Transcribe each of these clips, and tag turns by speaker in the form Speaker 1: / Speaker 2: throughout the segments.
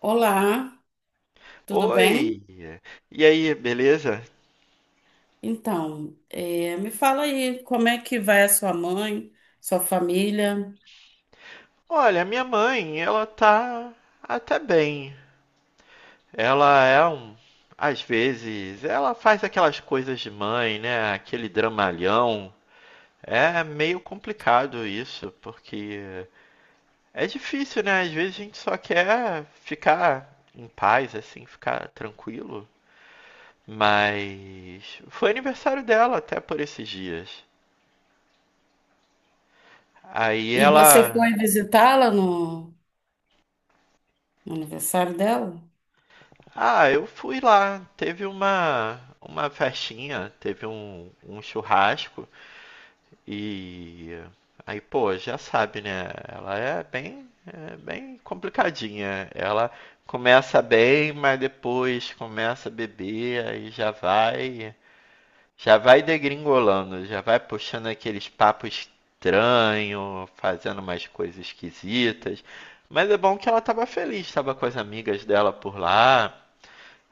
Speaker 1: Olá, tudo bem?
Speaker 2: Oi, e aí, beleza?
Speaker 1: Então, me fala aí como é que vai a sua mãe, sua família?
Speaker 2: Olha, minha mãe, ela tá até bem. Ela é um. Às vezes, ela faz aquelas coisas de mãe, né? Aquele dramalhão. É meio complicado isso, porque é difícil, né? Às vezes a gente só quer ficar em paz, assim, ficar tranquilo. Mas foi aniversário dela até por esses dias. Aí
Speaker 1: E você
Speaker 2: ela
Speaker 1: foi visitá-la no aniversário dela?
Speaker 2: Ah, eu fui lá. Teve uma festinha, teve um churrasco e aí, pô, já sabe, né? Ela é bem complicadinha. Ela começa bem, mas depois começa a beber, aí já vai degringolando, já vai puxando aqueles papos estranhos, fazendo umas coisas esquisitas. Mas é bom que ela tava feliz, tava com as amigas dela por lá.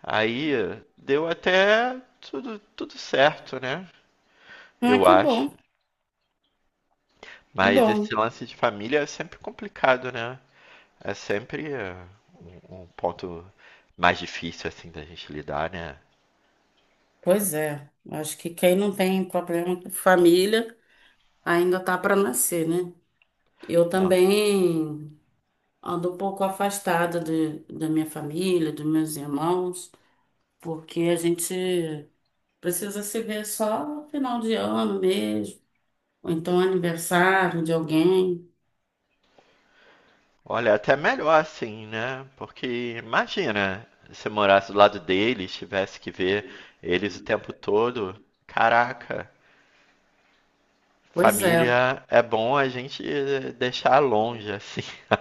Speaker 2: Aí deu até tudo, tudo certo, né?
Speaker 1: Ah,
Speaker 2: Eu
Speaker 1: que
Speaker 2: acho.
Speaker 1: bom, que
Speaker 2: Mas esse
Speaker 1: bom.
Speaker 2: lance de família é sempre complicado, né? É sempre um ponto mais difícil, assim, da gente lidar, né?
Speaker 1: Pois é, acho que quem não tem problema com família ainda tá para nascer, né? Eu
Speaker 2: Ah,
Speaker 1: também ando um pouco afastada da minha família, dos meus irmãos, porque a gente precisa se ver só no final de ano mesmo ou então aniversário de alguém.
Speaker 2: olha, é até melhor assim, né? Porque imagina se eu morasse do lado deles, tivesse que ver eles o tempo todo. Caraca,
Speaker 1: Pois é.
Speaker 2: família é bom a gente deixar longe, assim.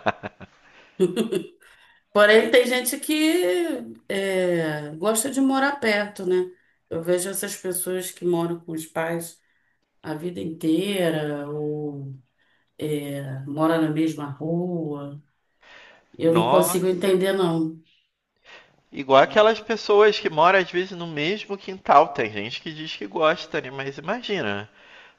Speaker 1: Porém, tem gente que gosta de morar perto, né? Eu vejo essas pessoas que moram com os pais a vida inteira ou moram na mesma rua. Eu não consigo
Speaker 2: Nossa.
Speaker 1: entender, não.
Speaker 2: Igual aquelas pessoas que moram às vezes no mesmo quintal. Tem gente que diz que gosta, né? Mas imagina,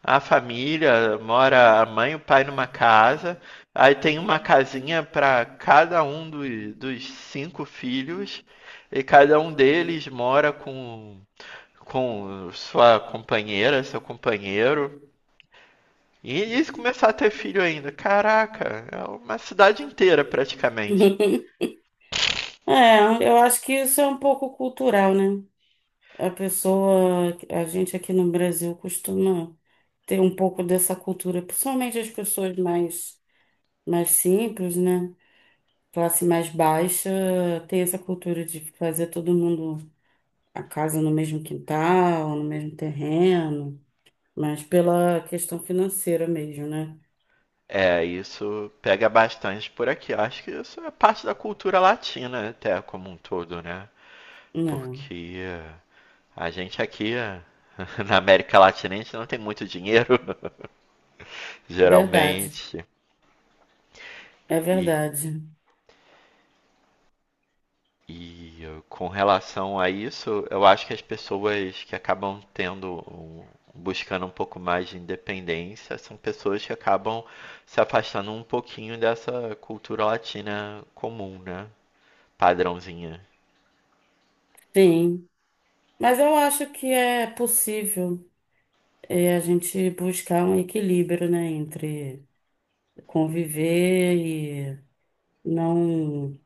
Speaker 2: a família mora a mãe e o pai numa casa, aí tem uma casinha para cada um dos, dos cinco filhos, e cada um deles mora com sua companheira, seu companheiro. E eles começar a ter filho ainda. Caraca, é uma cidade inteira praticamente.
Speaker 1: É, eu acho que isso é um pouco cultural, né? A pessoa, a gente aqui no Brasil costuma ter um pouco dessa cultura, principalmente as pessoas mais simples, né? Classe mais baixa tem essa cultura de fazer todo mundo a casa no mesmo quintal, no mesmo terreno, mas pela questão financeira mesmo, né?
Speaker 2: É, isso pega bastante por aqui. Eu acho que isso é parte da cultura latina até como um todo, né?
Speaker 1: Não,
Speaker 2: Porque a gente aqui na América Latina a gente não tem muito dinheiro,
Speaker 1: verdade,
Speaker 2: geralmente.
Speaker 1: é
Speaker 2: E,
Speaker 1: verdade.
Speaker 2: e com relação a isso, eu acho que as pessoas que acabam buscando um pouco mais de independência são pessoas que acabam se afastando um pouquinho dessa cultura latina comum, né? Padrãozinha.
Speaker 1: Sim, mas eu acho que é possível a gente buscar um equilíbrio, né, entre conviver e não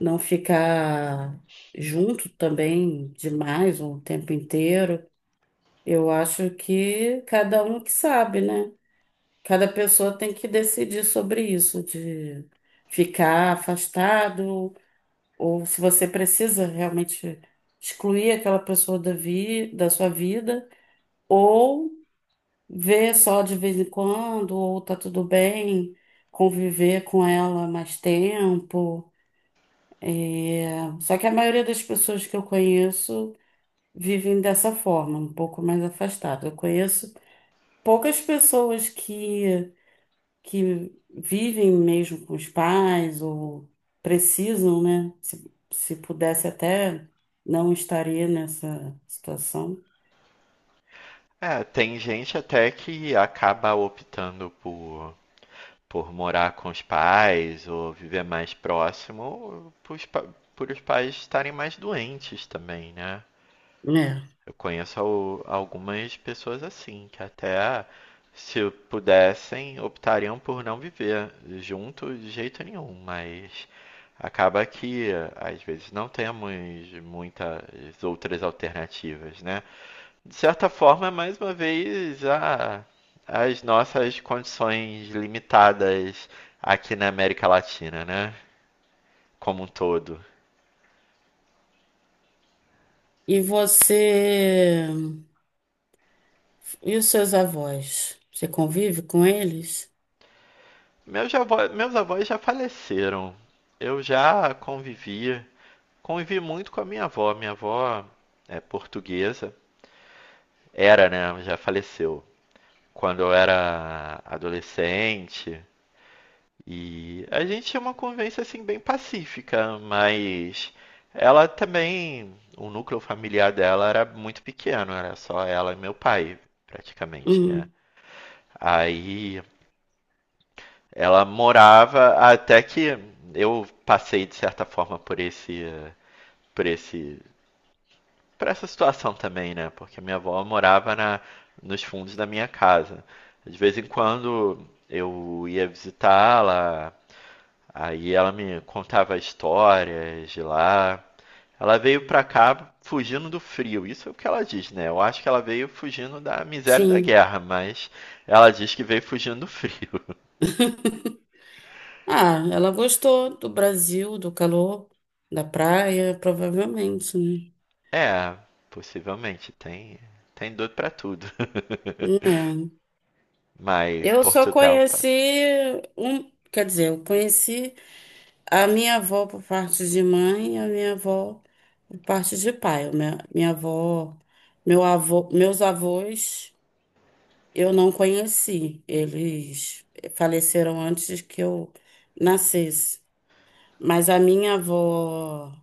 Speaker 1: não ficar junto também demais o tempo inteiro. Eu acho que cada um que sabe, né? Cada pessoa tem que decidir sobre isso, de ficar afastado, ou se você precisa realmente excluir aquela pessoa da sua vida, ou ver só de vez em quando, ou tá tudo bem, conviver com ela mais tempo. É, só que a maioria das pessoas que eu conheço vivem dessa forma, um pouco mais afastada. Eu conheço poucas pessoas que vivem mesmo com os pais ou precisam, né? Se pudesse até não estaria nessa situação,
Speaker 2: É, tem gente até que acaba optando por morar com os pais ou viver mais próximo, por os pais estarem mais doentes também, né?
Speaker 1: né?
Speaker 2: Eu conheço algumas pessoas assim, que até se pudessem, optariam por não viver junto de jeito nenhum, mas acaba que às vezes não temos muitas outras alternativas, né? De certa forma, é mais uma vez, a, as nossas condições limitadas aqui na América Latina, né? Como um todo.
Speaker 1: E você e os seus avós? Você convive com eles?
Speaker 2: Meus avós já faleceram. Eu já convivi, Convivi muito com a minha avó. Minha avó é portuguesa. Era, né? Já faleceu. Quando eu era adolescente, e a gente tinha uma convivência assim bem pacífica, mas ela também, o núcleo familiar dela era muito pequeno, era só ela e meu pai, praticamente, né?
Speaker 1: Hum,
Speaker 2: Aí ela morava até que eu passei de certa forma por esse por essa situação também, né? Porque minha avó morava na nos fundos da minha casa. De vez em quando eu ia visitá-la, aí ela me contava histórias de lá. Ela veio pra cá fugindo do frio, isso é o que ela diz, né? Eu acho que ela veio fugindo da miséria e da
Speaker 1: sim.
Speaker 2: guerra, mas ela diz que veio fugindo do frio.
Speaker 1: Ah, ela gostou do Brasil, do calor, da praia, provavelmente, né?
Speaker 2: É, possivelmente, tem dor pra tudo.
Speaker 1: É.
Speaker 2: Mas
Speaker 1: Eu só
Speaker 2: Portugal
Speaker 1: conheci
Speaker 2: passa.
Speaker 1: um, quer dizer, eu conheci a minha avó por parte de mãe, a minha avó por parte de pai. O minha avó, meu avô, meus avós, eu não conheci. Eles faleceram antes que eu nascesse. Mas a minha avó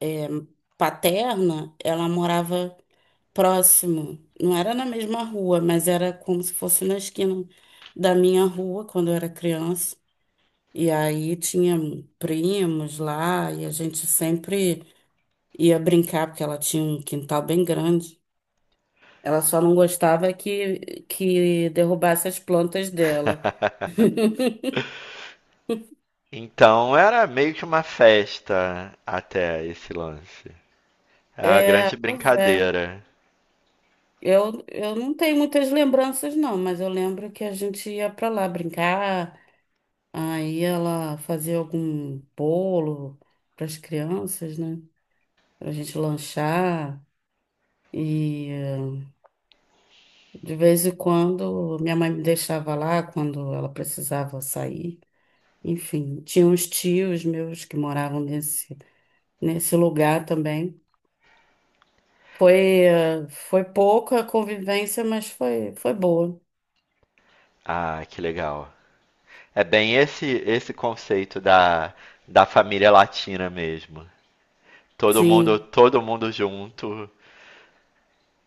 Speaker 1: é, paterna, ela morava próximo. Não era na mesma rua, mas era como se fosse na esquina da minha rua quando eu era criança. E aí tinha primos lá e a gente sempre ia brincar, porque ela tinha um quintal bem grande. Ela só não gostava que derrubasse as plantas dela.
Speaker 2: Então era meio que uma festa até esse lance. É uma
Speaker 1: É,
Speaker 2: grande
Speaker 1: pois é.
Speaker 2: brincadeira.
Speaker 1: Eu não tenho muitas lembranças, não, mas eu lembro que a gente ia pra lá brincar, aí ela fazia algum bolo para as crianças, né? Pra gente lanchar. E. eh, De vez em quando, minha mãe me deixava lá quando ela precisava sair. Enfim, tinha uns tios meus que moravam nesse lugar também. Foi, Foi pouca convivência, mas foi boa.
Speaker 2: Ah, que legal. É bem esse conceito da, da família latina mesmo.
Speaker 1: Sim,
Speaker 2: Todo mundo junto,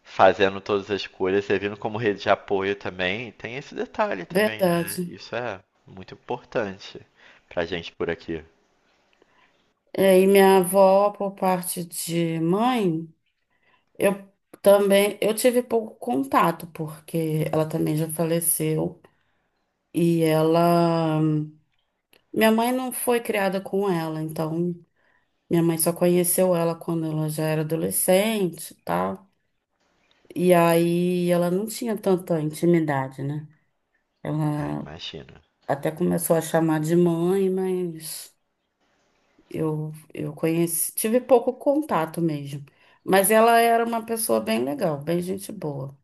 Speaker 2: fazendo todas as coisas, servindo como rede de apoio também. Tem esse detalhe também, né?
Speaker 1: verdade.
Speaker 2: Isso é muito importante pra gente por aqui.
Speaker 1: E minha avó, por parte de mãe, eu também, eu tive pouco contato, porque ela também já faleceu. E ela, minha mãe não foi criada com ela, então minha mãe só conheceu ela quando ela já era adolescente e tal. E aí ela não tinha tanta intimidade, né?
Speaker 2: Ah,
Speaker 1: Ela
Speaker 2: imagina.
Speaker 1: até começou a chamar de mãe, mas eu conheci, tive pouco contato mesmo. Mas ela era uma pessoa bem legal, bem gente boa.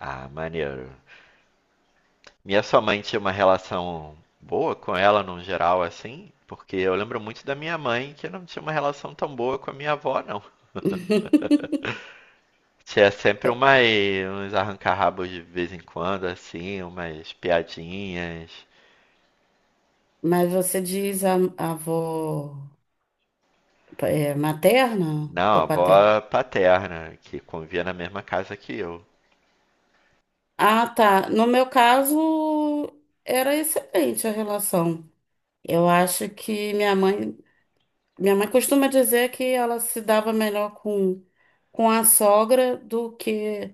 Speaker 2: Ah, maneiro. Minha sua mãe tinha uma relação boa com ela no geral, assim, porque eu lembro muito da minha mãe que não tinha uma relação tão boa com a minha avó, não. Tinha sempre uma, uns arranca-rabos de vez em quando, assim, umas piadinhas.
Speaker 1: Mas você diz a avó materna
Speaker 2: Não, a
Speaker 1: ou paterna?
Speaker 2: avó paterna, que convivia na mesma casa que eu.
Speaker 1: Ah, tá. No meu caso, era excelente a relação. Eu acho que minha mãe costuma dizer que ela se dava melhor com a sogra do que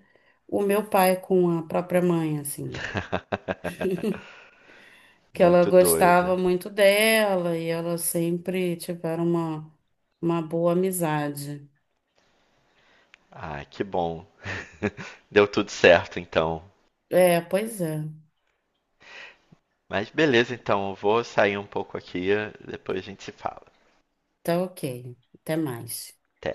Speaker 1: o meu pai com a própria mãe, assim. Que ela
Speaker 2: Muito doida.
Speaker 1: gostava muito dela e elas sempre tiveram uma boa amizade.
Speaker 2: Ah, que bom. Deu tudo certo, então.
Speaker 1: É, pois é.
Speaker 2: Mas beleza, então, eu vou sair um pouco aqui, depois a gente se fala.
Speaker 1: Tá ok. Até mais.
Speaker 2: Até.